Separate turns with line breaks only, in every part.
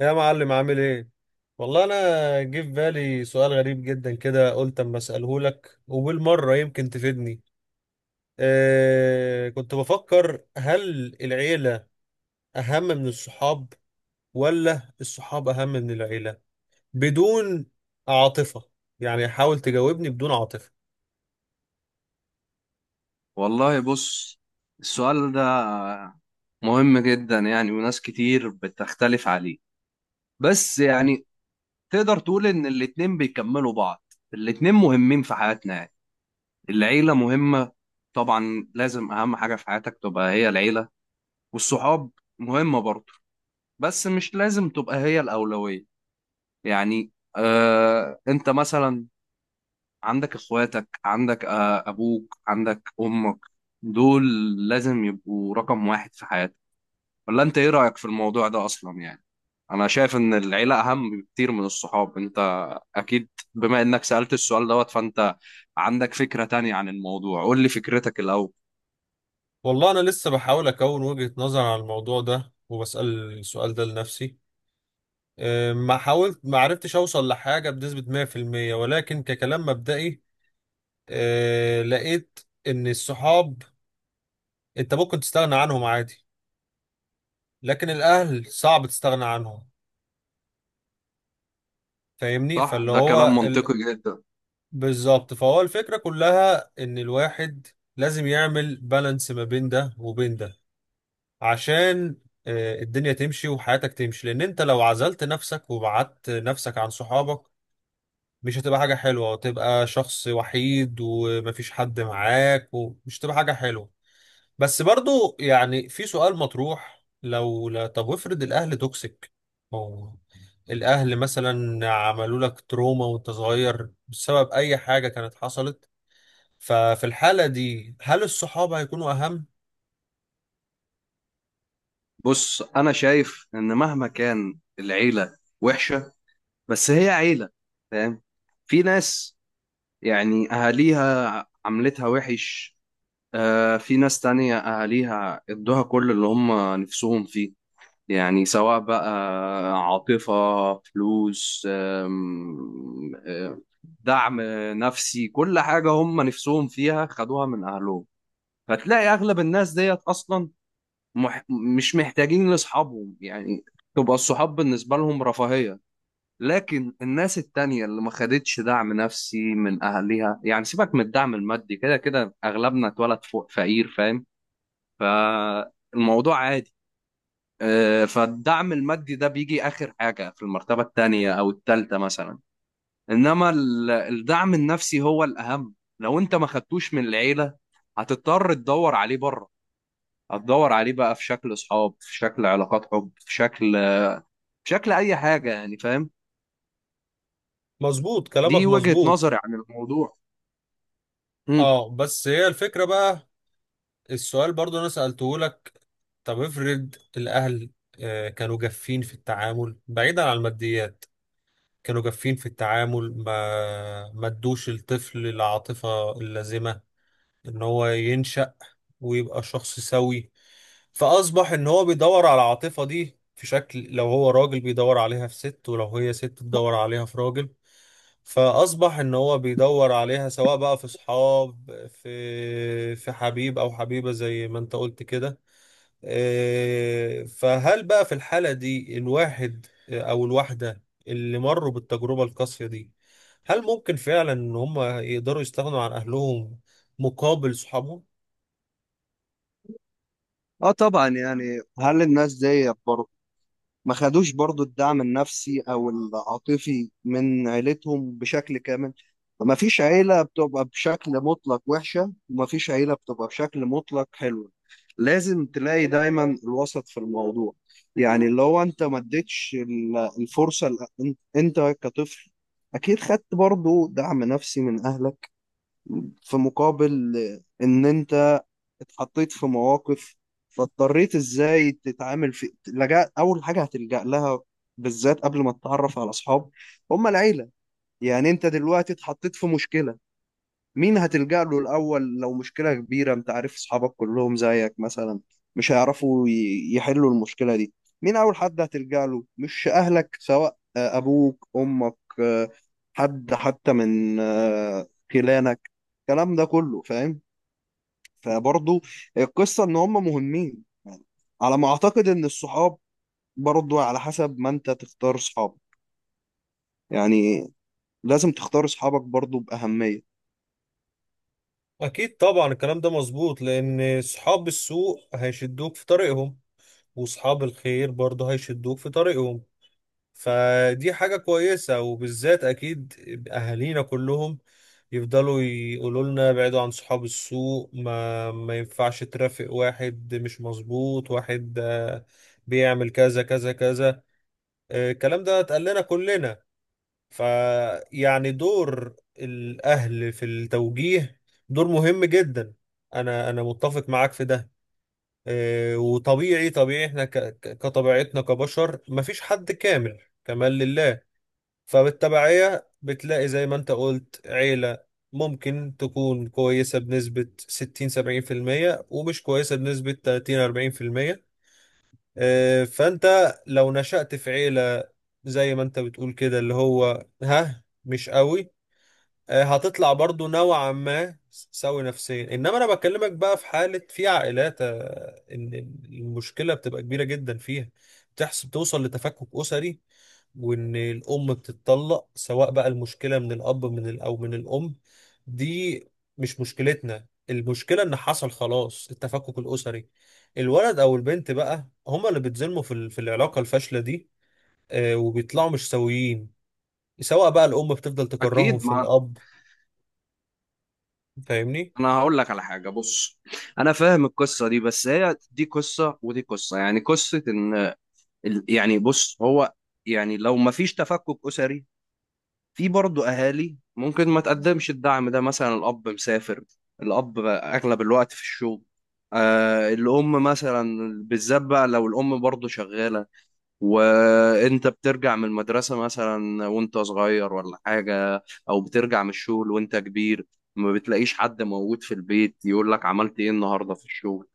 يا معلم عامل ايه؟ والله انا جه في بالي سؤال غريب جدا كده قلت اما اساله لك وبالمره يمكن تفيدني. كنت بفكر هل العيله اهم من الصحاب ولا الصحاب اهم من العيله؟ بدون عاطفه، يعني حاول تجاوبني بدون عاطفه.
والله، بص. السؤال ده مهم جدا يعني، وناس كتير بتختلف عليه. بس يعني تقدر تقول ان الاتنين بيكملوا بعض. الاتنين مهمين في حياتنا يعني. العيلة مهمة طبعا، لازم اهم حاجة في حياتك تبقى هي العيلة. والصحاب مهمة برضه، بس مش لازم تبقى هي الأولوية. يعني، انت مثلا عندك اخواتك، عندك ابوك، عندك امك. دول لازم يبقوا رقم واحد في حياتك. ولا انت ايه رأيك في الموضوع ده اصلا يعني؟ انا شايف ان العيلة اهم بكتير من الصحاب. انت اكيد بما انك سألت السؤال دوت فانت عندك فكرة تانية عن الموضوع. قول لي فكرتك الاول.
والله انا لسه بحاول اكون وجهه نظر على الموضوع ده وبسال السؤال ده لنفسي. ما حاولت ما عرفتش اوصل لحاجه بنسبه 100%، ولكن ككلام مبدئي لقيت ان الصحاب انت ممكن تستغنى عنهم عادي، لكن الاهل صعب تستغنى عنهم. فاهمني،
صح،
فاللي
ده كلام
هو ال...
منطقي جدا.
بالظبط، فهو الفكرة كلها ان الواحد لازم يعمل بالانس ما بين ده وبين ده، عشان الدنيا تمشي وحياتك تمشي، لان انت لو عزلت نفسك وبعدت نفسك عن صحابك مش هتبقى حاجة حلوة، وتبقى شخص وحيد ومفيش حد معاك، ومش هتبقى حاجة حلوة. بس برضو يعني في سؤال مطروح لو لا، طب افرض الاهل توكسيك او الاهل مثلا عملوا لك تروما وانت صغير بسبب اي حاجه كانت حصلت، ففي الحاله دي هل الصحاب هيكونوا اهم؟
بص، انا شايف ان مهما كان العيلة وحشة، بس هي عيلة. فاهم؟ في ناس يعني اهاليها عملتها وحش. في ناس تانية اهاليها ادوها كل اللي هم نفسهم فيه. يعني سواء بقى عاطفة، فلوس، أم، أم، دعم نفسي، كل حاجة هم نفسهم فيها خدوها من أهلهم. فتلاقي أغلب الناس ديت أصلا مح مش محتاجين لأصحابهم يعني. تبقى الصحاب بالنسبة لهم رفاهية. لكن الناس التانية اللي ما خدتش دعم نفسي من أهلها، يعني سيبك من الدعم المادي، كده كده أغلبنا اتولد فوق فقير. فاهم؟ فالموضوع عادي. فالدعم المادي ده بيجي آخر حاجة في المرتبة التانية أو التالتة مثلا. إنما الدعم النفسي هو الأهم. لو أنت ما خدتوش من العيلة، هتضطر تدور عليه بره. هتدور عليه بقى في شكل أصحاب، في شكل علاقات حب، في شكل أي حاجة يعني. فاهم؟
مظبوط كلامك
دي وجهة
مظبوط.
نظري عن الموضوع. مم.
اه بس هي الفكره بقى، السؤال برضو انا سالته لك. طب افرض الاهل كانوا جافين في التعامل بعيدا عن الماديات، كانوا جافين في التعامل ما ادوش الطفل العاطفة اللازمة ان هو ينشأ ويبقى شخص سوي، فأصبح ان هو بيدور على العاطفة دي في شكل، لو هو راجل بيدور عليها في ست، ولو هي ست بتدور عليها في راجل. فأصبح ان هو بيدور عليها سواء بقى في صحاب، في حبيب او حبيبة زي ما انت قلت كده. فهل بقى في الحالة دي الواحد، أو الواحدة اللي مروا بالتجربة القاسية دي، هل ممكن فعلا إن هم يقدروا يستغنوا عن أهلهم مقابل صحابهم؟
اه طبعا يعني، هل الناس ديت برضه ما خدوش برضو الدعم النفسي او العاطفي من عيلتهم بشكل كامل؟ ما فيش عيلة بتبقى بشكل مطلق وحشة، وما فيش عيلة بتبقى بشكل مطلق حلوة. لازم تلاقي دايما الوسط في الموضوع. يعني اللي هو انت ما اديتش الفرصة انت كطفل، اكيد خدت برضو دعم نفسي من اهلك، في مقابل ان انت اتحطيت في مواقف. فاضطريت ازاي تتعامل. في لجأ، اول حاجه هتلجأ لها بالذات قبل ما تتعرف على اصحاب، هم العيله. يعني انت دلوقتي اتحطيت في مشكله، مين هتلجأ له الاول؟ لو مشكله كبيره، انت عارف اصحابك كلهم زيك مثلا، مش هيعرفوا يحلوا المشكله دي. مين اول حد هتلجأ له؟ مش اهلك، سواء ابوك امك، حد حتى من خلانك الكلام ده كله. فاهم؟ فبرضه القصة ان هم مهمين. على ما اعتقد ان الصحاب برضه على حسب ما انت تختار صحابك يعني، لازم تختار صحابك برضه بأهمية.
أكيد طبعا الكلام ده مظبوط، لأن صحاب السوء هيشدوك في طريقهم، وصحاب الخير برضه هيشدوك في طريقهم. فدي حاجة كويسة، وبالذات أكيد أهالينا كلهم يفضلوا يقولوا لنا بعيدوا عن صحاب السوق، ما ينفعش ترافق واحد مش مظبوط، واحد بيعمل كذا كذا كذا. الكلام ده اتقال لنا كلنا، فيعني دور الأهل في التوجيه دور مهم جدا. أنا متفق معاك في ده. وطبيعي طبيعي احنا كطبيعتنا كبشر مفيش حد كامل، كمال لله. فبالتبعية بتلاقي زي ما انت قلت عيلة ممكن تكون كويسة بنسبة 60 70%، ومش كويسة بنسبة 30 40%. فانت لو نشأت في عيلة زي ما انت بتقول كده اللي هو ها مش قوي، هتطلع برضو نوعا ما سوي نفسيا. انما انا بكلمك بقى في حالة، في عائلات ان المشكلة بتبقى كبيرة جدا فيها، بتحصل توصل لتفكك أسري، وان الام بتتطلق. سواء بقى المشكله من الاب من او من الام، دي مش مشكلتنا. المشكله ان حصل خلاص التفكك الاسري، الولد او البنت بقى هما اللي بيتظلموا في في العلاقه الفاشله دي. وبيطلعوا مش سويين، سواء بقى الام بتفضل تكرههم
اكيد،
في
ما
الاب. فاهمني.
انا هقول لك على حاجه. بص، انا فاهم القصه دي، بس هي دي قصه ودي قصه، يعني قصه ان يعني، بص، هو يعني لو ما فيش تفكك اسري، في برضه اهالي ممكن ما تقدمش الدعم ده، مثلا الاب مسافر، الاب اغلب الوقت في الشغل. الام مثلا، بالذات بقى لو الام برضه شغاله، وانت بترجع من المدرسه مثلا وانت صغير ولا حاجه، او بترجع من الشغل وانت كبير، ما بتلاقيش حد موجود في البيت يقول لك عملت ايه النهارده في الشغل.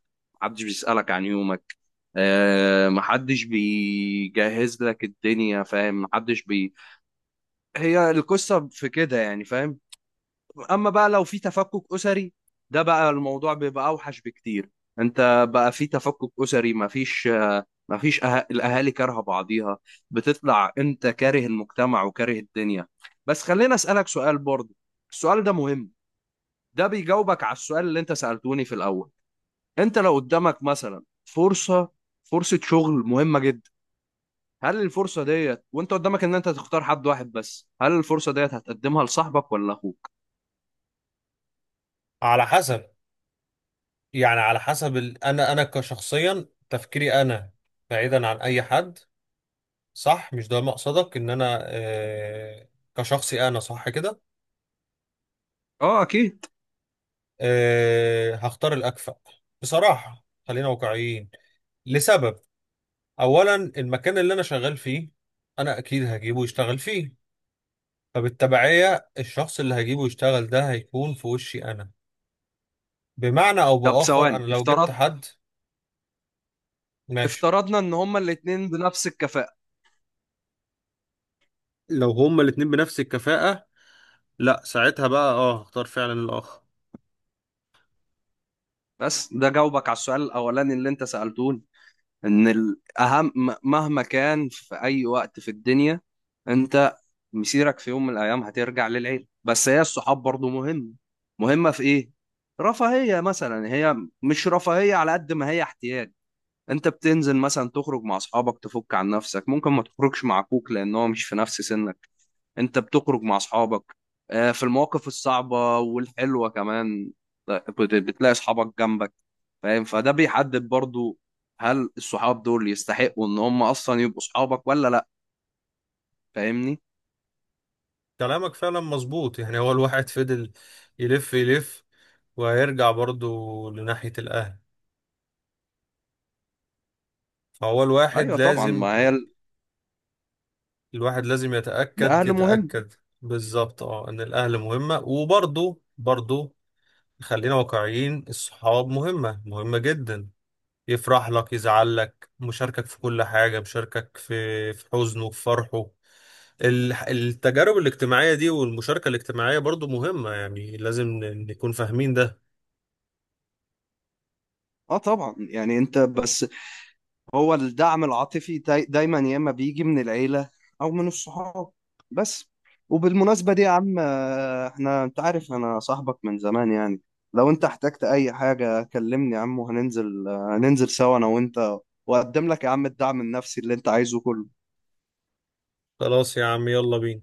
محدش بيسألك عن يومك، محدش بيجهز لك الدنيا. فاهم؟ محدش بي هي القصة في كده يعني. فاهم؟ أما بقى لو في تفكك أسري، ده بقى الموضوع بيبقى أوحش بكتير. أنت بقى في تفكك أسري، مفيش الأهالي كارهة بعضيها. بتطلع أنت كاره المجتمع وكاره الدنيا. بس خليني أسألك سؤال برضه، السؤال ده مهم. ده بيجاوبك على السؤال اللي أنت سألتوني في الأول. أنت لو قدامك مثلا فرصة شغل مهمة جدا، هل الفرصة ديت وانت قدامك ان انت تختار حد واحد بس، هل الفرصة ديت هتقدمها لصاحبك ولا اخوك؟
على حسب، يعني على حسب ال... انا كشخصيا تفكيري انا بعيدا عن اي حد، صح؟ مش ده مقصدك ان انا كشخصي انا، صح كده؟
اه، اكيد.
أه هختار الأكفأ بصراحة، خلينا واقعيين. لسبب، أولا المكان اللي أنا شغال فيه أنا أكيد هجيبه يشتغل فيه، فبالتبعية الشخص اللي هجيبه يشتغل ده هيكون في وشي أنا، بمعنى أو
طب
بآخر أنا
ثواني.
لو جبت حد. ماشي.
افترضنا ان هما الاتنين بنفس الكفاءة.
لو هما الاتنين بنفس الكفاءة، لا ساعتها بقى اه هختار فعلا الآخر.
بس ده جاوبك على السؤال الاولاني اللي انت سألتوني، ان الاهم مهما كان في اي وقت في الدنيا، انت مسيرك في يوم من الايام هترجع للعيلة. بس هي الصحاب برضو مهم، مهمة في ايه؟ رفاهية مثلا هي، مش رفاهية على قد ما هي احتياج. انت بتنزل مثلا تخرج مع اصحابك تفك عن نفسك، ممكن ما تخرجش مع اخوك لان هو مش في نفس سنك. انت بتخرج مع اصحابك، في المواقف الصعبة والحلوة كمان، بتلاقي اصحابك جنبك. فاهم؟ فده بيحدد برضو، هل الصحاب دول يستحقوا ان هم اصلا يبقوا اصحابك ولا لا؟ فاهمني؟
كلامك فعلا مظبوط، يعني هو الواحد فضل يلف يلف وهيرجع برضه لناحية الأهل، فهو الواحد
ايوه طبعا،
لازم،
ما هي
الواحد لازم يتأكد
الاهل مهم.
يتأكد. بالظبط اه ان الاهل مهمة، وبرضه برضه خلينا واقعيين الصحاب مهمة مهمة جدا، يفرح لك يزعل لك مشاركك في كل حاجة، مشاركك في حزنه في فرحه. التجارب الاجتماعية دي والمشاركة الاجتماعية برضه مهمة، يعني لازم نكون فاهمين ده.
اه طبعا يعني، انت بس، هو الدعم العاطفي دايما يا اما بيجي من العيله، او من الصحاب بس. وبالمناسبه دي يا عم، احنا، انت عارف انا صاحبك من زمان يعني، لو انت احتجت اي حاجه كلمني يا عم، وهننزل آه، هننزل سوا انا وانت، واقدم لك يا عم الدعم النفسي اللي انت عايزه كله.
خلاص يا عم يلا بينا.